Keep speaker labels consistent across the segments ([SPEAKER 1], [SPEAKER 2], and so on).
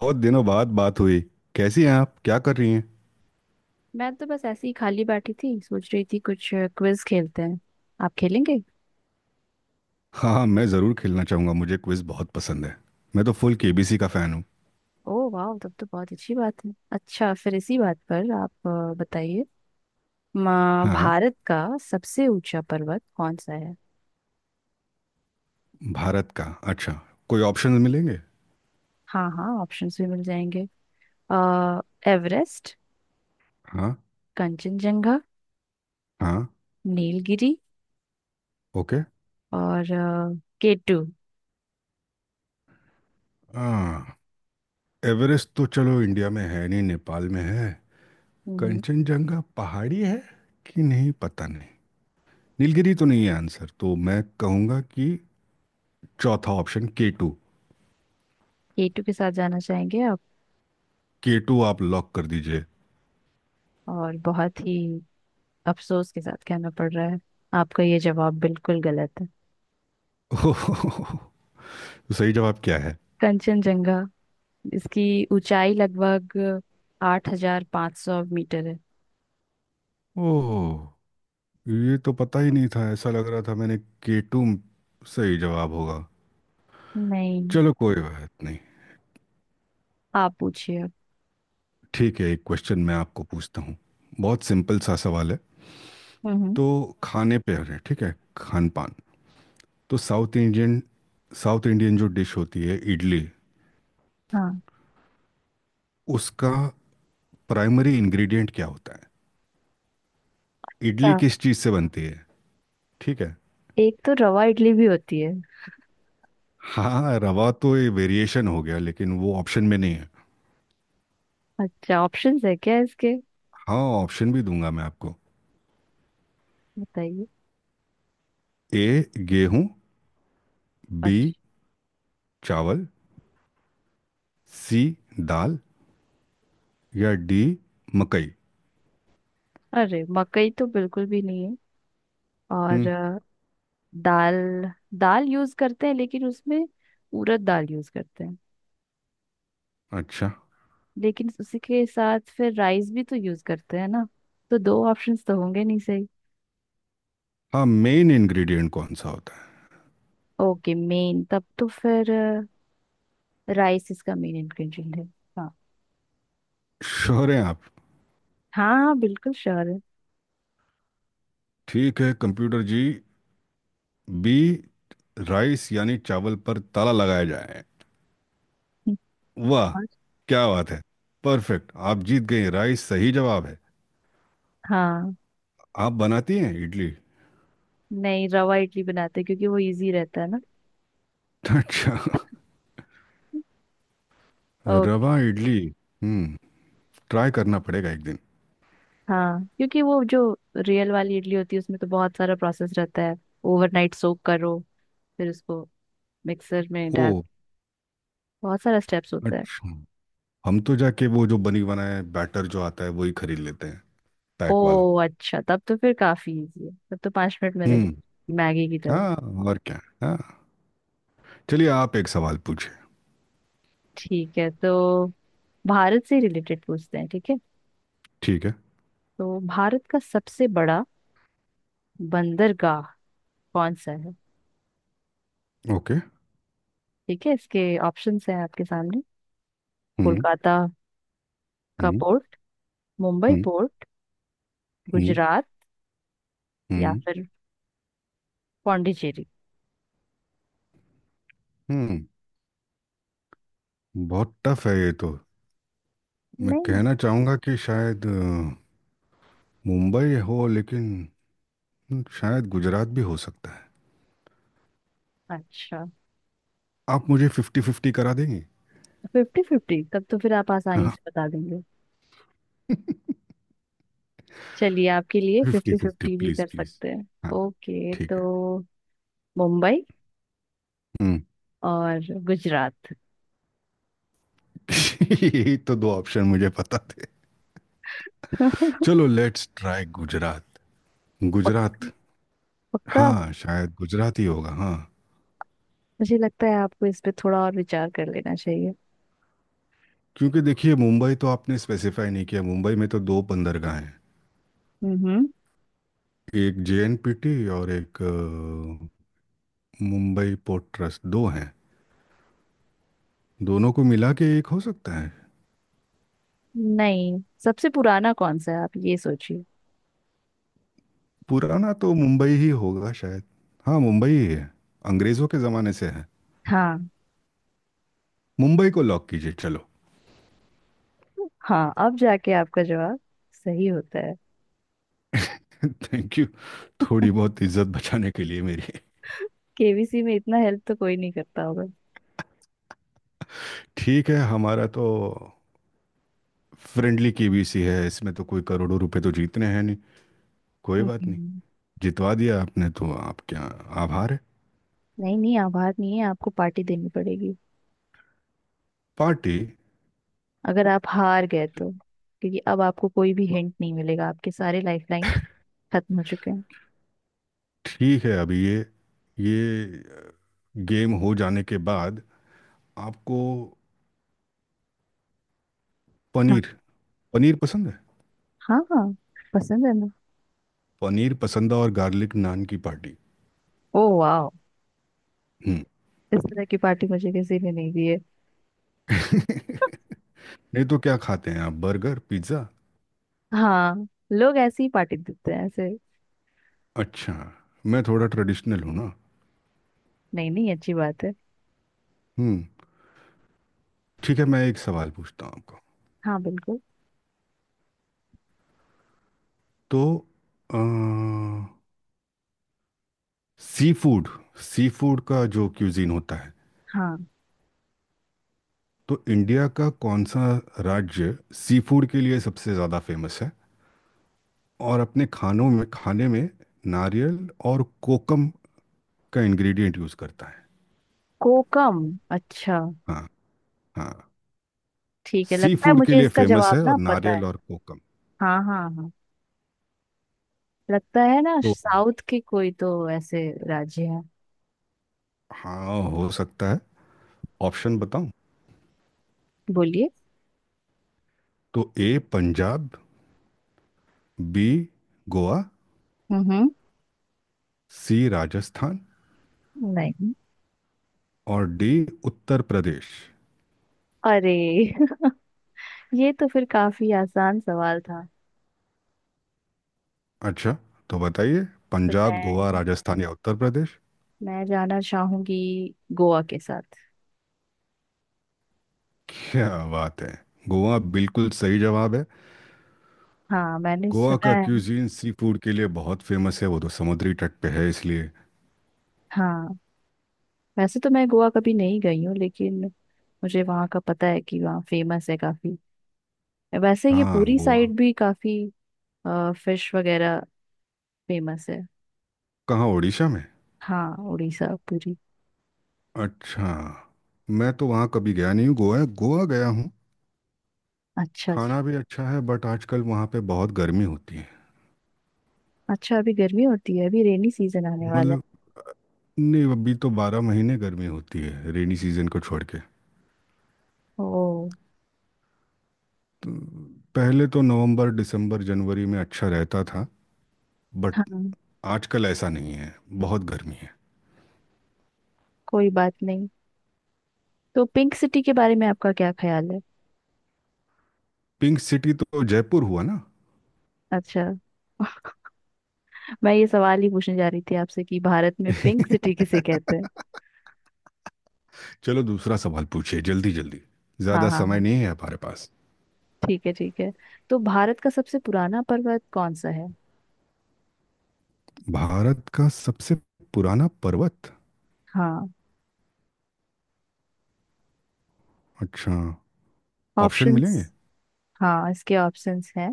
[SPEAKER 1] बहुत दिनों बाद बात हुई। कैसी हैं आप, क्या कर रही हैं?
[SPEAKER 2] मैं तो बस ऐसे ही खाली बैठी थी, सोच रही थी कुछ क्विज खेलते हैं। आप खेलेंगे?
[SPEAKER 1] हाँ हाँ, मैं ज़रूर खेलना चाहूँगा, मुझे क्विज बहुत पसंद है। मैं तो फुल केबीसी का फ़ैन हूँ।
[SPEAKER 2] ओह वाह, तब तो बहुत अच्छी बात है। अच्छा, फिर इसी बात पर आप बताइए। माँ,
[SPEAKER 1] हाँ।
[SPEAKER 2] भारत का सबसे ऊंचा पर्वत कौन सा है?
[SPEAKER 1] भारत का? अच्छा। कोई ऑप्शंस मिलेंगे?
[SPEAKER 2] हाँ हाँ, ऑप्शंस भी मिल जाएंगे। अ, एवरेस्ट,
[SPEAKER 1] हाँ
[SPEAKER 2] कंचनजंगा,
[SPEAKER 1] हाँ।
[SPEAKER 2] नीलगिरी
[SPEAKER 1] ओके।
[SPEAKER 2] और K2।
[SPEAKER 1] हाँ। एवरेस्ट तो चलो इंडिया में है नहीं, नेपाल में है।
[SPEAKER 2] हम्म।
[SPEAKER 1] कंचनजंगा पहाड़ी है कि नहीं पता नहीं। नीलगिरी तो नहीं है। आंसर तो मैं कहूँगा कि चौथा ऑप्शन के टू।
[SPEAKER 2] K2 के साथ जाना चाहेंगे आप?
[SPEAKER 1] के टू आप लॉक कर दीजिए।
[SPEAKER 2] और बहुत ही अफसोस के साथ कहना पड़ रहा है, आपका ये जवाब बिल्कुल गलत है।
[SPEAKER 1] ओह। तो सही जवाब क्या है?
[SPEAKER 2] कंचनजंगा। इसकी ऊंचाई लगभग 8,500 मीटर है।
[SPEAKER 1] ओह, ये तो पता ही नहीं था। ऐसा लग रहा था मैंने के टू सही जवाब होगा।
[SPEAKER 2] नहीं।
[SPEAKER 1] चलो कोई बात नहीं।
[SPEAKER 2] आप पूछिए अब।
[SPEAKER 1] ठीक है, एक क्वेश्चन मैं आपको पूछता हूँ। बहुत सिंपल सा सवाल है।
[SPEAKER 2] हम्म।
[SPEAKER 1] तो खाने पे है, ठीक है, खान पान। तो साउथ इंडियन, साउथ इंडियन जो डिश होती है इडली,
[SPEAKER 2] हाँ।
[SPEAKER 1] उसका प्राइमरी इंग्रेडिएंट क्या होता है? इडली
[SPEAKER 2] अच्छा।
[SPEAKER 1] किस चीज़ से बनती है? ठीक है।
[SPEAKER 2] एक तो रवा इडली भी होती है।
[SPEAKER 1] हाँ, रवा तो ये वेरिएशन हो गया, लेकिन वो ऑप्शन में नहीं है।
[SPEAKER 2] अच्छा, ऑप्शंस है क्या इसके?
[SPEAKER 1] हाँ, ऑप्शन भी दूंगा मैं आपको।
[SPEAKER 2] बताइए।
[SPEAKER 1] ए गेहूं, बी
[SPEAKER 2] अच्छा।
[SPEAKER 1] चावल, सी दाल, या डी मकई।
[SPEAKER 2] अरे, मकई तो बिल्कुल भी नहीं है। और
[SPEAKER 1] हम्म।
[SPEAKER 2] दाल। दाल यूज करते हैं लेकिन उसमें उड़द दाल यूज करते हैं।
[SPEAKER 1] अच्छा।
[SPEAKER 2] लेकिन उसी के साथ फिर राइस भी तो यूज करते हैं ना? तो दो ऑप्शंस तो होंगे नहीं सही।
[SPEAKER 1] हाँ, मेन इंग्रेडिएंट कौन सा होता है?
[SPEAKER 2] ओके, मेन तब तो फिर राइस इसका मेन इंग्रेडिएंट है। हाँ।
[SPEAKER 1] श्योर हैं आप?
[SPEAKER 2] हाँ हाँ, बिल्कुल श्योर है।
[SPEAKER 1] ठीक है कंप्यूटर जी, बी, राइस यानी चावल पर ताला लगाया जाए।
[SPEAKER 2] हम्म।
[SPEAKER 1] वाह,
[SPEAKER 2] और
[SPEAKER 1] क्या बात है, परफेक्ट! आप जीत गए, राइस सही जवाब है।
[SPEAKER 2] हाँ।
[SPEAKER 1] आप बनाती हैं इडली?
[SPEAKER 2] नहीं, रवा इडली बनाते हैं क्योंकि वो इजी रहता है ना।
[SPEAKER 1] अच्छा।
[SPEAKER 2] ओ।
[SPEAKER 1] रवा इडली। हम्म। ट्राई करना पड़ेगा एक दिन।
[SPEAKER 2] हाँ, क्योंकि वो जो रियल वाली इडली होती है उसमें तो बहुत सारा प्रोसेस रहता है। ओवरनाइट सोक करो, फिर उसको मिक्सर में
[SPEAKER 1] ओ
[SPEAKER 2] डाल। बहुत सारा स्टेप्स होता है।
[SPEAKER 1] अच्छा। हम तो जाके वो जो बनी बनाए बैटर जो आता है वही खरीद लेते हैं, पैक वाला।
[SPEAKER 2] ओ अच्छा, तब तो फिर काफी इजी है, तब तो 5 मिनट में रेडी,
[SPEAKER 1] हम्म।
[SPEAKER 2] मैगी की तरह।
[SPEAKER 1] हाँ और क्या, हाँ। चलिए आप एक सवाल पूछिए।
[SPEAKER 2] ठीक है, तो भारत से रिलेटेड पूछते हैं, ठीक है।
[SPEAKER 1] ठीक है।
[SPEAKER 2] तो भारत का सबसे बड़ा बंदरगाह कौन सा है?
[SPEAKER 1] ओके।
[SPEAKER 2] ठीक है, इसके ऑप्शंस हैं आपके सामने।
[SPEAKER 1] हम्म।
[SPEAKER 2] कोलकाता का
[SPEAKER 1] हम्म।
[SPEAKER 2] पोर्ट, मुंबई
[SPEAKER 1] हम्म।
[SPEAKER 2] पोर्ट,
[SPEAKER 1] हम्म।
[SPEAKER 2] गुजरात या
[SPEAKER 1] हम्म।
[SPEAKER 2] फिर पौंडीचेरी।
[SPEAKER 1] हम्म। बहुत टफ है ये तो। मैं
[SPEAKER 2] नहीं।
[SPEAKER 1] कहना चाहूंगा कि शायद मुंबई हो, लेकिन शायद गुजरात भी हो सकता है।
[SPEAKER 2] अच्छा।
[SPEAKER 1] आप मुझे 50-50 करा देंगे?
[SPEAKER 2] Fifty fifty? तब तो फिर आप आसानी
[SPEAKER 1] हाँ।
[SPEAKER 2] से बता देंगे। चलिए, आपके लिए
[SPEAKER 1] फिफ्टी
[SPEAKER 2] फिफ्टी
[SPEAKER 1] फिफ्टी
[SPEAKER 2] फिफ्टी भी
[SPEAKER 1] प्लीज
[SPEAKER 2] कर
[SPEAKER 1] प्लीज।
[SPEAKER 2] सकते हैं।
[SPEAKER 1] हाँ।
[SPEAKER 2] ओके,
[SPEAKER 1] ठीक है।
[SPEAKER 2] तो मुंबई
[SPEAKER 1] हम्म।
[SPEAKER 2] और गुजरात।
[SPEAKER 1] यही तो दो ऑप्शन मुझे पता थे। चलो लेट्स ट्राई गुजरात।
[SPEAKER 2] पक्का?
[SPEAKER 1] गुजरात।
[SPEAKER 2] पक्का?
[SPEAKER 1] हाँ शायद गुजरात ही होगा, हाँ।
[SPEAKER 2] मुझे लगता है आपको इस पे थोड़ा और विचार कर लेना चाहिए।
[SPEAKER 1] क्योंकि देखिए, मुंबई तो आपने स्पेसिफाई नहीं किया। मुंबई में तो दो बंदरगाह हैं,
[SPEAKER 2] हम्म।
[SPEAKER 1] एक जेएनपीटी और एक मुंबई पोर्ट ट्रस्ट, दो हैं। दोनों को मिला के एक हो सकता है।
[SPEAKER 2] नहीं, सबसे पुराना कौन सा है, आप ये सोचिए।
[SPEAKER 1] पुराना तो मुंबई ही होगा शायद। हाँ मुंबई ही है, अंग्रेज़ों के ज़माने से है।
[SPEAKER 2] हाँ।
[SPEAKER 1] मुंबई को लॉक कीजिए चलो।
[SPEAKER 2] हाँ, अब जाके आपका जवाब सही होता है।
[SPEAKER 1] Thank you. थोड़ी बहुत इज्जत बचाने के लिए मेरी।
[SPEAKER 2] KBC में इतना हेल्प तो कोई नहीं करता होगा।
[SPEAKER 1] ठीक है, हमारा तो फ्रेंडली केबीसी है, इसमें तो कोई करोड़ों रुपए तो जीतने हैं नहीं। कोई बात नहीं।
[SPEAKER 2] हम्म।
[SPEAKER 1] जितवा दिया आपने, तो आप क्या, आभार है।
[SPEAKER 2] नहीं नहीं, आप हार नहीं है, आपको पार्टी देनी पड़ेगी
[SPEAKER 1] पार्टी?
[SPEAKER 2] अगर आप हार गए तो, क्योंकि अब आपको कोई भी हिंट नहीं मिलेगा, आपके सारे लाइफलाइन खत्म हो चुके हैं।
[SPEAKER 1] ठीक है, अभी ये गेम हो जाने के बाद आपको
[SPEAKER 2] हाँ
[SPEAKER 1] पनीर, पनीर पसंद है?
[SPEAKER 2] हाँ हाँ, पसंद है ना।
[SPEAKER 1] पनीर पसंद है और गार्लिक नान की पार्टी।
[SPEAKER 2] ओ वाह।
[SPEAKER 1] हम्म।
[SPEAKER 2] इस तरह की पार्टी मुझे किसी ने नहीं दी है।
[SPEAKER 1] नहीं तो क्या खाते हैं आप, बर्गर पिज्ज़ा?
[SPEAKER 2] हाँ, लोग ऐसी ही पार्टी देते हैं ऐसे।
[SPEAKER 1] अच्छा। मैं थोड़ा ट्रेडिशनल हूँ ना।
[SPEAKER 2] नहीं नहीं, अच्छी बात है।
[SPEAKER 1] हम्म। ठीक है, मैं एक सवाल पूछता हूँ आपको।
[SPEAKER 2] हाँ बिल्कुल।
[SPEAKER 1] तो सी फूड, सी फूड का जो क्यूजीन होता है,
[SPEAKER 2] हाँ।
[SPEAKER 1] तो इंडिया का कौन सा राज्य सी फूड के लिए सबसे ज़्यादा फेमस है और अपने खानों में, खाने में नारियल और कोकम का इंग्रेडिएंट यूज करता है?
[SPEAKER 2] कोकम? अच्छा।
[SPEAKER 1] हाँ। हाँ,
[SPEAKER 2] ठीक है,
[SPEAKER 1] सी
[SPEAKER 2] लगता है
[SPEAKER 1] फूड के
[SPEAKER 2] मुझे
[SPEAKER 1] लिए
[SPEAKER 2] इसका
[SPEAKER 1] फेमस
[SPEAKER 2] जवाब
[SPEAKER 1] है
[SPEAKER 2] ना
[SPEAKER 1] और
[SPEAKER 2] पता है।
[SPEAKER 1] नारियल और कोकम।
[SPEAKER 2] हाँ हाँ हाँ, लगता है ना,
[SPEAKER 1] तो
[SPEAKER 2] साउथ के कोई तो ऐसे राज्य है।
[SPEAKER 1] हाँ हो सकता है। ऑप्शन बताऊं?
[SPEAKER 2] बोलिए।
[SPEAKER 1] तो ए पंजाब, बी गोवा,
[SPEAKER 2] हम्म।
[SPEAKER 1] सी राजस्थान,
[SPEAKER 2] नहीं।
[SPEAKER 1] और डी उत्तर प्रदेश।
[SPEAKER 2] अरे ये तो फिर काफी आसान सवाल था।
[SPEAKER 1] अच्छा। तो बताइए,
[SPEAKER 2] तो
[SPEAKER 1] पंजाब, गोवा,
[SPEAKER 2] मैं
[SPEAKER 1] राजस्थान या उत्तर प्रदेश?
[SPEAKER 2] मैं जाना चाहूंगी गोवा के साथ।
[SPEAKER 1] क्या बात है, गोवा बिल्कुल सही जवाब है।
[SPEAKER 2] हाँ, मैंने
[SPEAKER 1] गोवा
[SPEAKER 2] सुना
[SPEAKER 1] का
[SPEAKER 2] है।
[SPEAKER 1] क्यूजीन सी फूड के लिए बहुत फेमस है, वो तो समुद्री तट पे है इसलिए।
[SPEAKER 2] हाँ, वैसे तो मैं गोवा कभी नहीं गई हूँ लेकिन मुझे वहाँ का पता है कि वहाँ फेमस है काफी। वैसे ये
[SPEAKER 1] हाँ,
[SPEAKER 2] पूरी
[SPEAKER 1] गोवा।
[SPEAKER 2] साइड भी काफी फिश वगैरह फेमस है।
[SPEAKER 1] कहाँ, उड़ीसा में?
[SPEAKER 2] हाँ, उड़ीसा पूरी।
[SPEAKER 1] अच्छा। मैं तो वहाँ कभी गया नहीं हूँ, गोवा गोवा गया हूँ।
[SPEAKER 2] अच्छा अच्छा।
[SPEAKER 1] खाना भी अच्छा है, बट आजकल वहाँ पे बहुत गर्मी होती है।
[SPEAKER 2] अच्छा, अभी गर्मी होती है? अभी रेनी सीजन आने वाला है।
[SPEAKER 1] मतलब अ, नहीं, अभी तो 12 महीने गर्मी होती है, रेनी सीजन को छोड़ के।
[SPEAKER 2] ओ।
[SPEAKER 1] तो पहले तो नवंबर, दिसंबर, जनवरी में अच्छा रहता था, बट
[SPEAKER 2] हाँ।
[SPEAKER 1] आजकल ऐसा नहीं है, बहुत गर्मी है।
[SPEAKER 2] कोई बात नहीं। तो पिंक सिटी के बारे में आपका क्या ख्याल है?
[SPEAKER 1] पिंक सिटी तो जयपुर हुआ ना।
[SPEAKER 2] अच्छा। मैं ये सवाल ही पूछने जा रही थी आपसे कि भारत में पिंक सिटी किसे कहते हैं।
[SPEAKER 1] चलो दूसरा सवाल पूछिए, जल्दी जल्दी।
[SPEAKER 2] हाँ
[SPEAKER 1] ज्यादा
[SPEAKER 2] हाँ
[SPEAKER 1] समय
[SPEAKER 2] हाँ,
[SPEAKER 1] नहीं है हमारे पास।
[SPEAKER 2] ठीक है ठीक है। तो भारत का सबसे पुराना पर्वत कौन सा है?
[SPEAKER 1] भारत का सबसे पुराना पर्वत?
[SPEAKER 2] हाँ,
[SPEAKER 1] अच्छा। ऑप्शन मिलेंगे?
[SPEAKER 2] ऑप्शंस। हाँ, इसके ऑप्शंस हैं।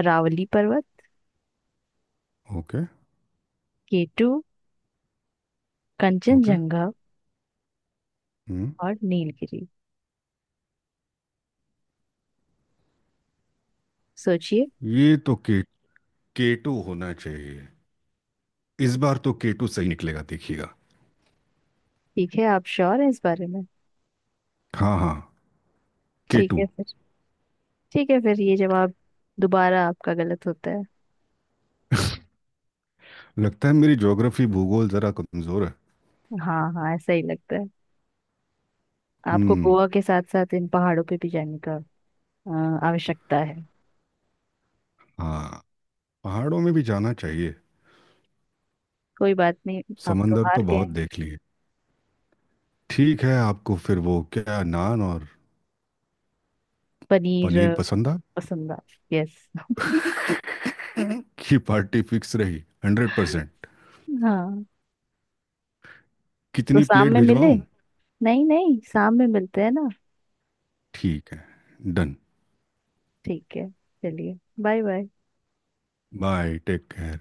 [SPEAKER 2] अरावली पर्वत,
[SPEAKER 1] ओके।
[SPEAKER 2] K2,
[SPEAKER 1] okay.
[SPEAKER 2] कंचनजंगा
[SPEAKER 1] हम्म।
[SPEAKER 2] और नीलगिरी। सोचिए।
[SPEAKER 1] ये तो के केटू होना चाहिए। इस बार तो केटू सही निकलेगा, देखिएगा।
[SPEAKER 2] ठीक है, आप श्योर हैं इस बारे में?
[SPEAKER 1] हाँ हाँ,
[SPEAKER 2] ठीक
[SPEAKER 1] केटू।
[SPEAKER 2] है फिर ठीक है फिर ये जवाब दोबारा आपका गलत होता है।
[SPEAKER 1] लगता है मेरी ज्योग्राफी, भूगोल जरा कमजोर है।
[SPEAKER 2] हाँ हाँ, ऐसा ही लगता है। आपको
[SPEAKER 1] हम्म।
[SPEAKER 2] गोवा के साथ साथ इन पहाड़ों पे भी जाने का अ, आवश्यकता है।
[SPEAKER 1] हाँ, पहाड़ों में भी जाना चाहिए।
[SPEAKER 2] कोई बात नहीं। आप तो
[SPEAKER 1] समंदर तो
[SPEAKER 2] हार गए
[SPEAKER 1] बहुत
[SPEAKER 2] हैं।
[SPEAKER 1] देख लिए। ठीक है, आपको फिर वो क्या, नान और
[SPEAKER 2] पनीर
[SPEAKER 1] पनीर पसंद आ
[SPEAKER 2] पसंद? यस।
[SPEAKER 1] की पार्टी फिक्स रही, 100%।
[SPEAKER 2] हाँ, तो
[SPEAKER 1] कितनी
[SPEAKER 2] शाम
[SPEAKER 1] प्लेट
[SPEAKER 2] में मिले।
[SPEAKER 1] भिजवाऊं?
[SPEAKER 2] नहीं नहीं, शाम में मिलते हैं ना।
[SPEAKER 1] ठीक है, डन।
[SPEAKER 2] ठीक है, चलिए bye bye.
[SPEAKER 1] Bye, take care.